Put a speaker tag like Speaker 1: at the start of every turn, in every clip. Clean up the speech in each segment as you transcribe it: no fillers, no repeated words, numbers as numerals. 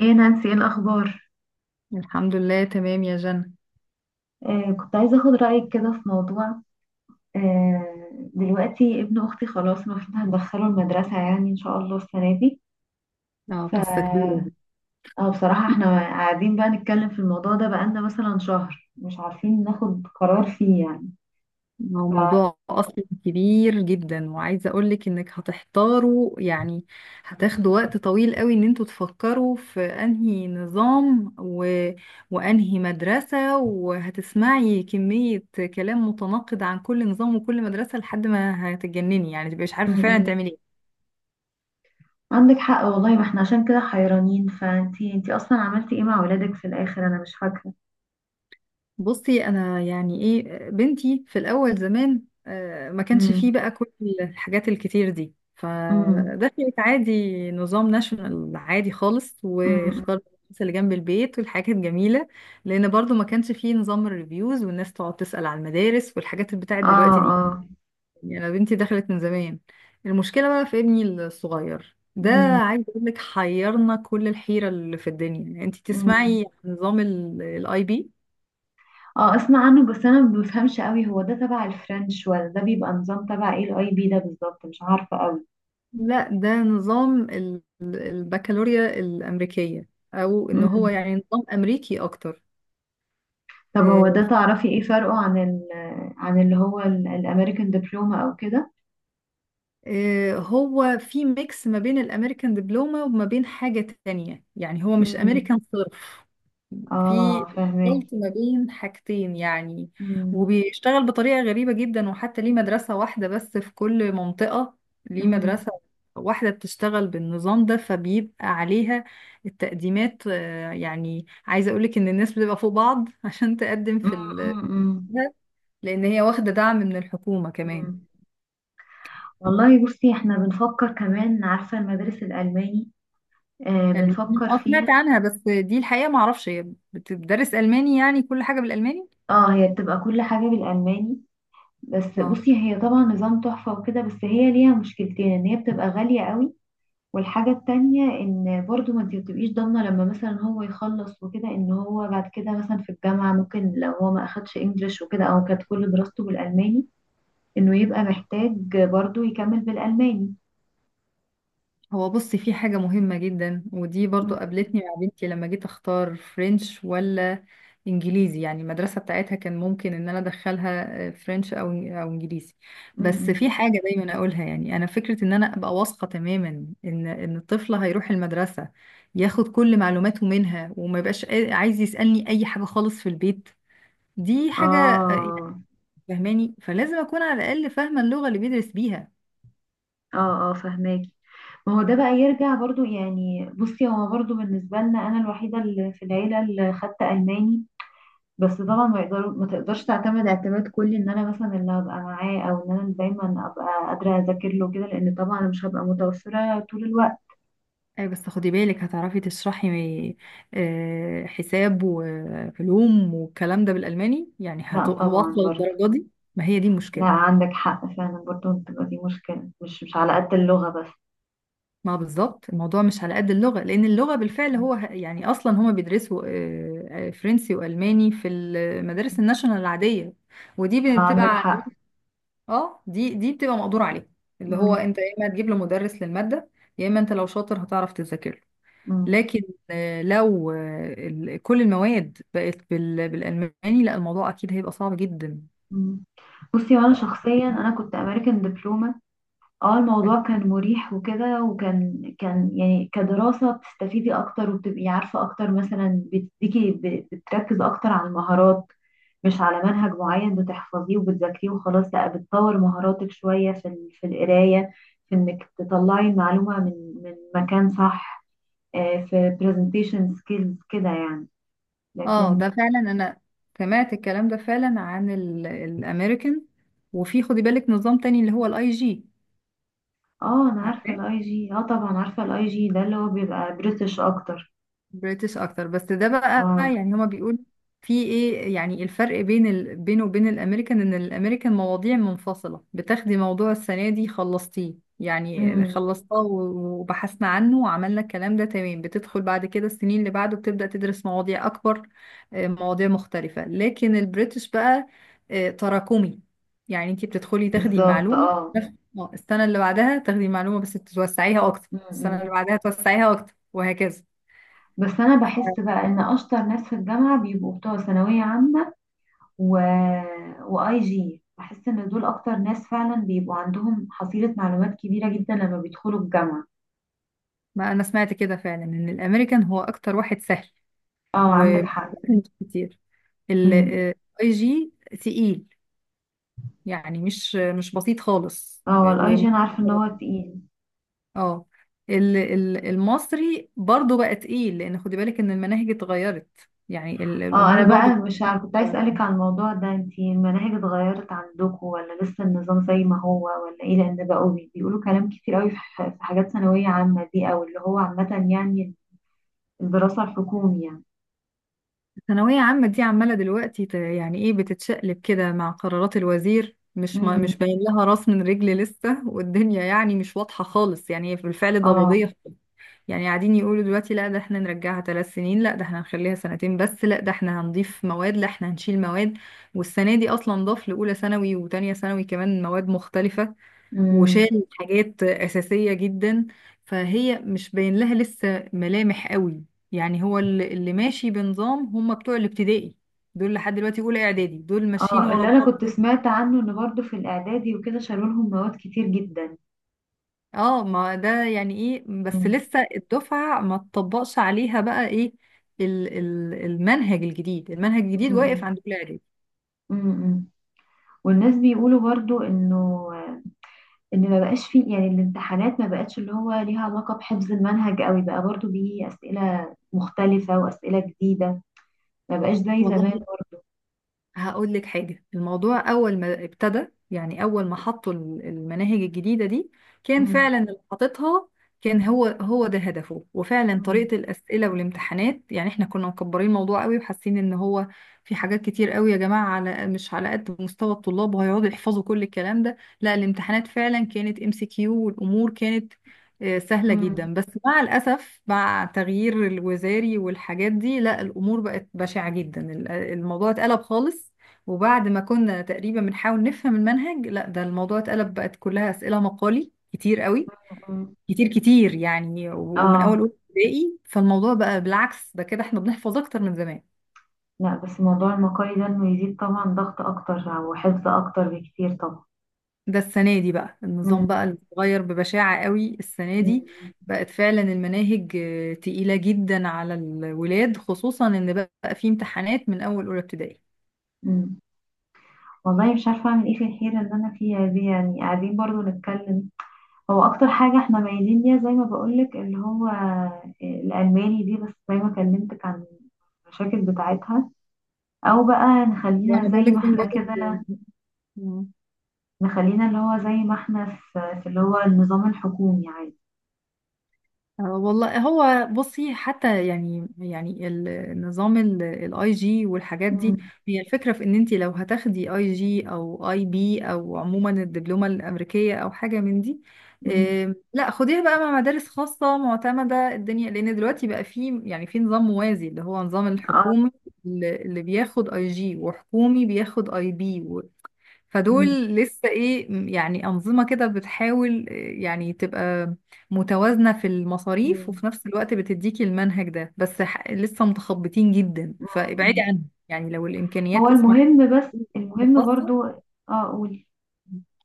Speaker 1: ايه نانسي، ايه الاخبار؟
Speaker 2: الحمد لله، تمام يا جنى.
Speaker 1: كنت عايزة أخد رأيك كده في موضوع. دلوقتي ابن أختي خلاص، المفروض هندخله المدرسة يعني إن شاء الله السنة دي.
Speaker 2: اه، قصة كبيرة
Speaker 1: ف
Speaker 2: دي.
Speaker 1: اه، بصراحة احنا قاعدين بقى نتكلم في الموضوع ده بقالنا مثلا شهر، مش عارفين ناخد قرار فيه يعني.
Speaker 2: هو
Speaker 1: ف
Speaker 2: موضوع أصلا كبير جدا، وعايزة أقولك إنك هتحتاروا يعني. هتاخدوا وقت طويل قوي إن انتوا تفكروا في أنهي نظام وأنهي مدرسة، وهتسمعي كمية كلام متناقض عن كل نظام وكل مدرسة لحد ما هتتجنني، يعني تبقي مش
Speaker 1: م-
Speaker 2: عارفة فعلا
Speaker 1: م.
Speaker 2: تعملي إيه.
Speaker 1: عندك حق والله، ما احنا عشان كده حيرانين، فانتي أصلا عملتي ايه مع ولادك في الآخر؟ أنا مش فاكرة.
Speaker 2: بصي، انا يعني ايه بنتي في الاول زمان، ما كانش
Speaker 1: م-
Speaker 2: فيه بقى كل الحاجات الكتير دي،
Speaker 1: م- م-
Speaker 2: فدخلت عادي نظام ناشونال عادي خالص،
Speaker 1: م.
Speaker 2: واختارت المدرسة اللي جنب البيت والحاجات الجميلة. لان برضو ما كانش فيه نظام الريفيوز والناس تقعد تسأل على المدارس والحاجات اللي بتاعت
Speaker 1: اه،
Speaker 2: دلوقتي دي.
Speaker 1: اه.
Speaker 2: يعني انا بنتي دخلت من زمان. المشكلة بقى في ابني الصغير ده،
Speaker 1: م-
Speaker 2: عايز اقول لك حيرنا كل الحيرة اللي في الدنيا. يعني انت
Speaker 1: م.
Speaker 2: تسمعي عن نظام الـ IB.
Speaker 1: اه، اسمع عنه بس انا ما بفهمش قوي، هو ده تبع الفرنش ولا ده بيبقى نظام؟ تبع ايه الاي بي ده بالظبط؟ مش عارفة قوي.
Speaker 2: لا، ده نظام البكالوريا الأمريكية، أو إن هو
Speaker 1: مم.
Speaker 2: يعني نظام أمريكي أكتر.
Speaker 1: طب هو
Speaker 2: آه،
Speaker 1: ده
Speaker 2: في-
Speaker 1: تعرفي ايه فرقه عن اللي هو الامريكان دبلوما او كده.
Speaker 2: هو في ميكس ما بين الأمريكان دبلومة وما بين حاجة تانية، يعني هو مش
Speaker 1: مم.
Speaker 2: أمريكان. في
Speaker 1: اه، فهمك.
Speaker 2: خلط ما بين حاجتين يعني،
Speaker 1: مم.
Speaker 2: وبيشتغل بطريقة غريبة جدا. وحتى ليه مدرسة واحدة بس في كل منطقة. ليه
Speaker 1: مم.
Speaker 2: مدرسة واحدة بتشتغل بالنظام ده فبيبقى عليها التقديمات. يعني عايزة أقولك إن الناس بتبقى فوق بعض عشان تقدم
Speaker 1: مم.
Speaker 2: في ال
Speaker 1: مم.
Speaker 2: ده، لأن هي واخدة دعم من الحكومة كمان.
Speaker 1: مم. والله بصي، احنا بنفكر كمان، عارفة المدارس الألماني؟
Speaker 2: ألماني؟
Speaker 1: بنفكر
Speaker 2: اه، سمعت
Speaker 1: فيها.
Speaker 2: عنها، بس دي الحقيقة معرفش هي بتدرس ألماني يعني كل حاجة بالألماني؟
Speaker 1: اه، هي بتبقى كل حاجة بالألماني. بس
Speaker 2: اه،
Speaker 1: بصي، هي طبعا نظام تحفة وكده، بس هي ليها مشكلتين، ان هي بتبقى غالية قوي. والحاجة التانية ان برضو ما انت بتبقيش ضامنة، لما مثلا هو يخلص وكده ان هو بعد كده مثلا في الجامعة، ممكن لو هو ما اخدش انجليش وكده او كانت كل دراسته بالألماني، انه يبقى محتاج برضو يكمل بالألماني.
Speaker 2: هو بصي، في حاجة مهمة جدا ودي برضو
Speaker 1: م-
Speaker 2: قابلتني مع بنتي لما جيت اختار فرنش ولا انجليزي. يعني المدرسة بتاعتها كان ممكن ان انا ادخلها فرنش او انجليزي.
Speaker 1: م-
Speaker 2: بس
Speaker 1: م.
Speaker 2: في حاجة دايما اقولها، يعني انا فكرة ان انا ابقى واثقة تماما ان الطفل هيروح المدرسة ياخد كل معلوماته منها، وما يبقاش عايز يسألني اي حاجة خالص في البيت. دي حاجة يعني
Speaker 1: اه،
Speaker 2: فهماني، فلازم اكون على الاقل فاهمة اللغة اللي بيدرس بيها.
Speaker 1: اه، اه، فهماكي. ما هو ده بقى يرجع برضو يعني، بصي هو برضو بالنسبة لنا أنا الوحيدة اللي في العيلة اللي خدت ألماني. بس طبعا ما تقدرش تعتمد اعتماد كلي ان انا مثلا اللي هبقى معاه، او ان انا اللي دايما ابقى قادره اذاكر له كده، لان طبعا انا مش هبقى متوفره طول الوقت.
Speaker 2: أي، بس خدي بالك هتعرفي تشرحي حساب وعلوم والكلام ده بالألماني؟ يعني
Speaker 1: لا طبعا
Speaker 2: هوصل
Speaker 1: برضه.
Speaker 2: الدرجة دي؟ ما هي دي المشكلة.
Speaker 1: لا، عندك حق فعلا برضه، بتبقى دي مشكله، مش على قد اللغه بس.
Speaker 2: ما بالظبط، الموضوع مش على قد اللغة، لأن اللغة بالفعل هو يعني أصلا هما بيدرسوا فرنسي وألماني في المدارس الناشونال العادية، ودي
Speaker 1: عندك
Speaker 2: بتبقى.
Speaker 1: حق.
Speaker 2: اه، دي بتبقى مقدور عليها، اللي هو
Speaker 1: مم.
Speaker 2: انت يا اما تجيب له مدرس للمادة، يا اما انت لو شاطر هتعرف تذاكر له.
Speaker 1: مم.
Speaker 2: لكن لو كل المواد بقت بالألماني، لا الموضوع أكيد هيبقى صعب جدا.
Speaker 1: مم. بصي وانا شخصيا انا كنت امريكان دبلومه. اه، الموضوع كان مريح وكده، وكان يعني كدراسة بتستفيدي اكتر وبتبقي عارفة اكتر، مثلا بتديكي بتركز اكتر على المهارات، مش على منهج معين بتحفظيه وبتذاكريه وخلاص، لا بتطور مهاراتك شوية في القراية، في انك تطلعي المعلومة من مكان صح. في presentation skills كده يعني.
Speaker 2: اه،
Speaker 1: لكن.
Speaker 2: ده فعلا انا سمعت الكلام ده فعلا عن الامريكان. وفي خدي بالك نظام تاني اللي هو الـ IG.
Speaker 1: اه، انا عارفة
Speaker 2: عارفاه،
Speaker 1: الاي جي، اه طبعا عارفة الاي جي ده اللي هو بيبقى بريتش اكتر.
Speaker 2: بريتش اكتر. بس ده بقى
Speaker 1: اه.
Speaker 2: يعني هما بيقولوا في ايه يعني الفرق بين بينه وبين الامريكان، ان الامريكان مواضيع منفصلة. بتاخدي موضوع السنة دي خلصتيه، يعني
Speaker 1: امم.
Speaker 2: خلصتها وبحثنا عنه وعملنا الكلام ده تمام، بتدخل بعد كده السنين اللي بعده بتبدأ تدرس مواضيع اكبر. مواضيع مختلفة، لكن البريتش بقى تراكمي. يعني انتي بتدخلي تاخدي
Speaker 1: بالظبط،
Speaker 2: المعلومة
Speaker 1: اه.
Speaker 2: السنة اللي بعدها تاخدي المعلومة بس توسعيها اكتر، السنة
Speaker 1: م-م.
Speaker 2: اللي بعدها توسعيها اكتر، وهكذا.
Speaker 1: بس انا بحس بقى ان اشطر ناس في الجامعه بيبقوا بتوع ثانويه عامه، و... واي جي، بحس ان دول اكتر ناس فعلا بيبقوا عندهم حصيله معلومات كبيره جدا لما بيدخلوا الجامعه.
Speaker 2: ما انا سمعت كده فعلا ان الامريكان هو اكتر واحد سهل،
Speaker 1: اه، عندك
Speaker 2: ومش
Speaker 1: حق.
Speaker 2: كتير.
Speaker 1: م-م.
Speaker 2: الاي جي تقيل، يعني مش بسيط خالص
Speaker 1: اه، الاي جي انا عارفه ان هو تقيل.
Speaker 2: اه، المصري برضو بقى تقيل، لان خدي بالك ان المناهج اتغيرت. يعني
Speaker 1: اه،
Speaker 2: الامور
Speaker 1: انا بقى
Speaker 2: برضو
Speaker 1: مش عارفه، كنت عايز اسالك عن الموضوع ده، انتي المناهج اتغيرت عندكم ولا لسه النظام زي ما هو ولا ايه؟ لان بقوا بيقولوا كلام كتير قوي في حاجات ثانويه عامه دي، او اللي هو عامه يعني، الدراسه الحكومي.
Speaker 2: الثانويه عامه دي عماله دلوقتي يعني ايه بتتشقلب كده مع قرارات الوزير. مش ما
Speaker 1: يعني.
Speaker 2: مش باين لها راس من رجل لسه، والدنيا يعني مش واضحه خالص، يعني هي بالفعل
Speaker 1: اه.
Speaker 2: ضبابيه. يعني قاعدين يقولوا دلوقتي لا ده احنا نرجعها 3 سنين، لا ده احنا هنخليها سنتين بس، لا ده احنا هنضيف مواد، لا احنا هنشيل مواد. والسنة دي اصلا ضاف لأولى ثانوي وتانية ثانوي كمان مواد مختلفة،
Speaker 1: امم.
Speaker 2: وشال حاجات أساسية جدا. فهي مش باين لها لسه ملامح قوي. يعني هو اللي ماشي بنظام هم بتوع الابتدائي، دول لحد دلوقتي أولى إعدادي، دول ماشيين
Speaker 1: اه،
Speaker 2: ورا
Speaker 1: اللي انا
Speaker 2: بعض.
Speaker 1: كنت سمعت عنه ان برضو في الاعدادي وكده شالوا لهم مواد كتير جدا.
Speaker 2: اه، ما ده يعني ايه، بس
Speaker 1: امم،
Speaker 2: لسه الدفعة ما تطبقش عليها بقى ايه ال المنهج الجديد. المنهج الجديد
Speaker 1: امم.
Speaker 2: واقف
Speaker 1: امم،
Speaker 2: عند كل اعدادي.
Speaker 1: امم، امم. والناس بيقولوا برضو انه ان ما بقاش فيه يعني الامتحانات، ما بقتش اللي هو ليها علاقة بحفظ المنهج قوي، بقى برضو بيه اسئلة مختلفة واسئلة جديدة، ما بقاش زي زمان.
Speaker 2: والله، هقول لك حاجة. الموضوع أول ما ابتدى، يعني أول ما حطوا المناهج الجديدة دي، كان
Speaker 1: امم،
Speaker 2: فعلا اللي حاططها كان هو هو ده هدفه. وفعلا
Speaker 1: امم،
Speaker 2: طريقة الأسئلة والامتحانات، يعني احنا كنا مكبرين الموضوع قوي وحاسين ان هو في حاجات كتير قوي يا جماعة، مش على قد مستوى الطلاب، وهيقعدوا يحفظوا كل الكلام ده. لا الامتحانات فعلا كانت MCQ، والأمور كانت سهلة
Speaker 1: امم،
Speaker 2: جدا. بس مع الأسف مع تغيير الوزاري والحاجات دي، لا الأمور بقت بشعة جدا، الموضوع اتقلب خالص. وبعد ما كنا تقريبا بنحاول نفهم المنهج، لا ده الموضوع اتقلب، بقت كلها أسئلة مقالي كتير قوي،
Speaker 1: أمم.
Speaker 2: كتير كتير يعني. ومن أول
Speaker 1: اه،
Speaker 2: أولى ابتدائي، فالموضوع بقى بالعكس، ده كده احنا بنحفظ أكتر من زمان.
Speaker 1: لا بس موضوع المقالي ده انه يزيد طبعا ضغط اكتر وحفظ اكتر بكتير طبعا.
Speaker 2: ده السنة دي بقى
Speaker 1: امم،
Speaker 2: النظام بقى اللي اتغير ببشاعة قوي السنة
Speaker 1: امم،
Speaker 2: دي.
Speaker 1: أمم.
Speaker 2: بقت فعلا المناهج تقيلة جدا على الولاد، خصوصا ان بقى في امتحانات من اول اولى ابتدائي.
Speaker 1: امم. والله مش عارفة أعمل إيه في الحيرة اللي أنا فيها دي يعني، قاعدين برضو نتكلم. هو أكتر حاجة إحنا مايلين ليها، زي ما بقولك اللي هو الألماني دي، بس زي ما كلمتك عن المشاكل بتاعتها، أو بقى نخلينا
Speaker 2: وانا
Speaker 1: زي
Speaker 2: بقول
Speaker 1: ما
Speaker 2: لك زي ما
Speaker 1: إحنا
Speaker 2: بقولك،
Speaker 1: كده،
Speaker 2: آه،
Speaker 1: نخلينا اللي هو زي ما إحنا، في اللي هو النظام الحكومي عادي.
Speaker 2: والله، هو بصي حتى يعني النظام الاي جي والحاجات دي
Speaker 1: مم.
Speaker 2: هي الفكره في ان انت لو هتاخدي اي جي او اي بي، او عموما الدبلومه الامريكيه او حاجه من دي.
Speaker 1: مم.
Speaker 2: لا خديها بقى مع مدارس خاصه معتمده الدنيا، لان دلوقتي بقى في يعني في نظام موازي اللي هو نظام
Speaker 1: آه.
Speaker 2: الحكومي. اللي بياخد اي جي وحكومي بياخد اي بي، فدول
Speaker 1: مم.
Speaker 2: لسه ايه يعني انظمه كده بتحاول يعني تبقى متوازنه في المصاريف،
Speaker 1: مم.
Speaker 2: وفي نفس الوقت بتديكي المنهج ده. بس لسه متخبطين جدا، فابعدي
Speaker 1: مم.
Speaker 2: عنهم يعني لو الامكانيات
Speaker 1: هو
Speaker 2: تسمح،
Speaker 1: المهم، بس المهم
Speaker 2: خاصه.
Speaker 1: برضو. قولي.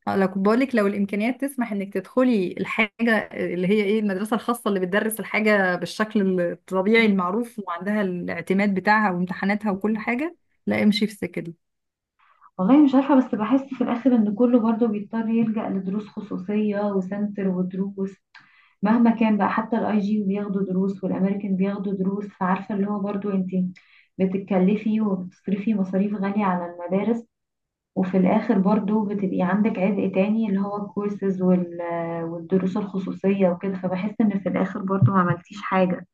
Speaker 2: اه، لو كنت بقولك، لو الامكانيات تسمح انك تدخلي الحاجه اللي هي ايه المدرسه الخاصه اللي بتدرس الحاجه بالشكل الطبيعي المعروف، وعندها الاعتماد بتاعها وامتحاناتها وكل
Speaker 1: مم.
Speaker 2: حاجه، لا امشي في السكه دي.
Speaker 1: والله مش عارفة، بس بحس في الآخر إن كله برضه بيضطر يلجأ لدروس خصوصية وسنتر ودروس، مهما كان بقى، حتى الاي جي بياخدوا دروس والامريكان بياخدوا دروس، فعارفة اللي هو برضه انت بتتكلفي وبتصرفي مصاريف غالية على المدارس، وفي الآخر برضه بتبقي عندك عبء تاني اللي هو الكورسز والدروس الخصوصية وكده، فبحس إن في الآخر برضه ما عملتيش حاجة.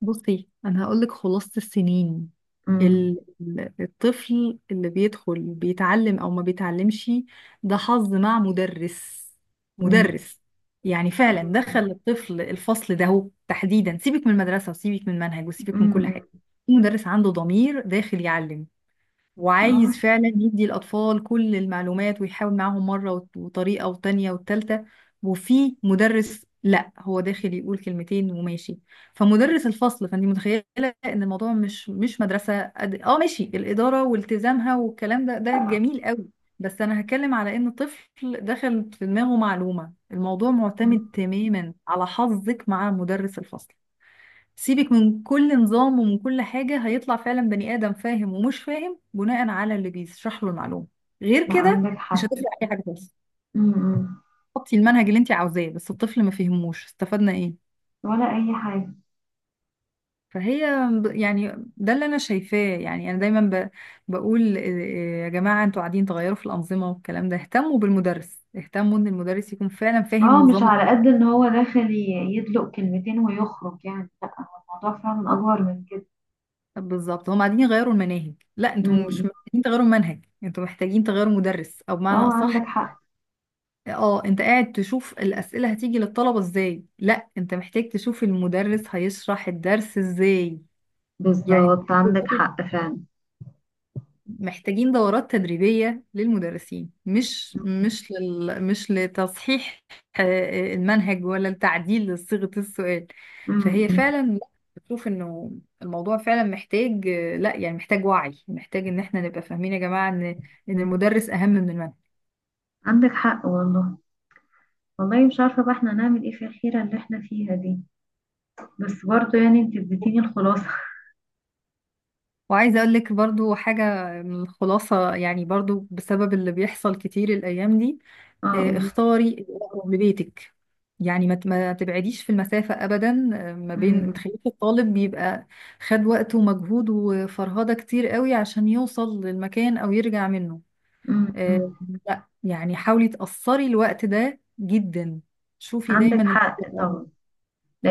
Speaker 2: بصي انا هقولك خلاصة السنين.
Speaker 1: امم،
Speaker 2: الطفل اللي بيدخل بيتعلم او ما بيتعلمش، ده حظ مع مدرس.
Speaker 1: امم،
Speaker 2: مدرس يعني فعلا دخل
Speaker 1: امم،
Speaker 2: الطفل الفصل ده هو تحديدا، سيبك من المدرسة وسيبك من المنهج وسيبك من كل
Speaker 1: امم،
Speaker 2: حاجة. المدرس عنده ضمير داخل يعلم،
Speaker 1: اه.
Speaker 2: وعايز فعلا يدي الأطفال كل المعلومات ويحاول معاهم مرة وطريقة وتانية والتالتة. وفي مدرس لا هو داخل يقول كلمتين وماشي. فمدرس الفصل فانت متخيلة ان الموضوع مش مدرسة قد اه، ماشي، الإدارة والتزامها والكلام ده جميل قوي. بس انا هتكلم على ان طفل دخل في دماغه معلومة، الموضوع معتمد
Speaker 1: مم.
Speaker 2: تماما على حظك مع مدرس الفصل. سيبك من كل نظام ومن كل حاجة، هيطلع فعلا بني آدم فاهم ومش فاهم بناء على اللي بيشرح له المعلومة. غير
Speaker 1: لا،
Speaker 2: كده
Speaker 1: عندك
Speaker 2: مش
Speaker 1: حق.
Speaker 2: هتفرق أي حاجة خالص.
Speaker 1: امم.
Speaker 2: حطي المنهج اللي انت عاوزاه، بس الطفل ما فهموش استفدنا ايه؟
Speaker 1: ولا اي حاجه.
Speaker 2: فهي يعني ده اللي انا شايفاه. يعني انا دايما بقول يا جماعة انتوا قاعدين تغيروا في الأنظمة والكلام ده، اهتموا بالمدرس، اهتموا ان المدرس يكون فعلا فاهم
Speaker 1: اه، مش
Speaker 2: النظام.
Speaker 1: على قد ان هو داخل يدلق كلمتين ويخرج يعني، لا هو الموضوع فعلا اكبر من كده.
Speaker 2: بالظبط، هم قاعدين يغيروا المناهج، لا انتوا مش
Speaker 1: امم.
Speaker 2: محتاجين تغيروا المنهج، انتوا محتاجين تغيروا مدرس، او
Speaker 1: اه،
Speaker 2: بمعنى اصح،
Speaker 1: عندك حق.
Speaker 2: اه انت قاعد تشوف الأسئلة هتيجي للطلبة ازاي، لا انت محتاج تشوف المدرس هيشرح الدرس ازاي. يعني
Speaker 1: بالظبط، عندك
Speaker 2: دول
Speaker 1: حق فعلا.
Speaker 2: محتاجين دورات تدريبية للمدرسين، مش لتصحيح آه، المنهج ولا التعديل لصيغة السؤال. فهي
Speaker 1: امم.
Speaker 2: فعلا بشوف انه الموضوع فعلا محتاج لا يعني محتاج وعي، محتاج ان احنا نبقى فاهمين يا جماعة ان المدرس اهم من المنهج.
Speaker 1: عندك حق والله. والله مش عارفة بقى احنا هنعمل ايه في الحيرة اللي احنا فيها دي. بس برضو يعني انت اديتيني الخلاصة
Speaker 2: وعايزة اقول لك برضو حاجة من الخلاصة، يعني برضو بسبب اللي بيحصل كتير الايام دي.
Speaker 1: اه، قولي.
Speaker 2: اختاري الاقرب لبيتك. يعني ما تبعديش في المسافة ابدا. ما بين ما
Speaker 1: امم،
Speaker 2: تخليش الطالب بيبقى خد وقت ومجهود وفرهدة كتير قوي عشان يوصل للمكان او يرجع منه. آه،
Speaker 1: امم.
Speaker 2: لا يعني حاولي تقصري الوقت ده جدا. شوفي دايما
Speaker 1: عندك
Speaker 2: الحاجة
Speaker 1: حق
Speaker 2: الأقرب.
Speaker 1: طبعا.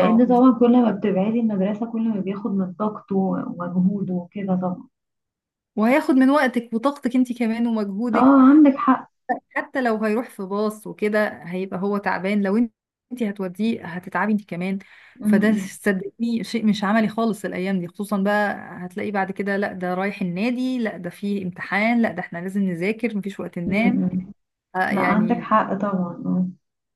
Speaker 2: اه،
Speaker 1: طبعا كل ما بتبعدي المدرسه، كل ما بياخد من طاقته ومجهوده وكده طبعا.
Speaker 2: وهياخد من وقتك وطاقتك انت كمان ومجهودك.
Speaker 1: اه، عندك حق.
Speaker 2: حتى لو هيروح في باص وكده هيبقى هو تعبان، لو انت هتوديه هتتعبي انت كمان. فده
Speaker 1: امم،
Speaker 2: صدقني شيء مش عملي خالص الايام دي، خصوصا بقى هتلاقي بعد كده لا ده رايح النادي، لا ده فيه امتحان، لا ده احنا لازم نذاكر مفيش وقت ننام.
Speaker 1: امم.
Speaker 2: آه
Speaker 1: لا، عندك
Speaker 2: يعني
Speaker 1: حق طبعا، اه.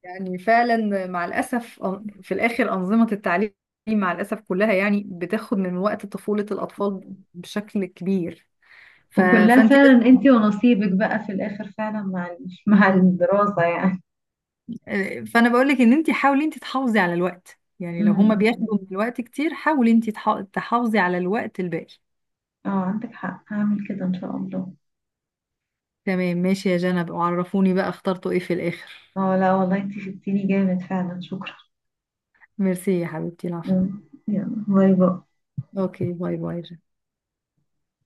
Speaker 2: يعني فعلا مع الاسف في الاخر انظمه التعليم مع الاسف كلها يعني بتاخد من وقت طفوله الاطفال بشكل كبير. ف...
Speaker 1: وكلها
Speaker 2: فانت لازم
Speaker 1: فعلا انتي ونصيبك بقى في الاخر فعلا مع الدراسة يعني.
Speaker 2: فانا بقول لك ان انت حاولي انت تحافظي على الوقت، يعني لو هما
Speaker 1: امم.
Speaker 2: بياخدوا من الوقت كتير، حاولي انت تحافظي على الوقت الباقي.
Speaker 1: اه، عندك حق، هعمل كده ان شاء الله.
Speaker 2: تمام ماشي يا جنب، وعرفوني بقى اخترتوا ايه في الاخر.
Speaker 1: اه، لا والله انتي شدتيني جامد فعلا، شكرا.
Speaker 2: ميرسي يا حبيبتي، العفو.
Speaker 1: مم. يلا باي باي.
Speaker 2: اوكي، باي باي.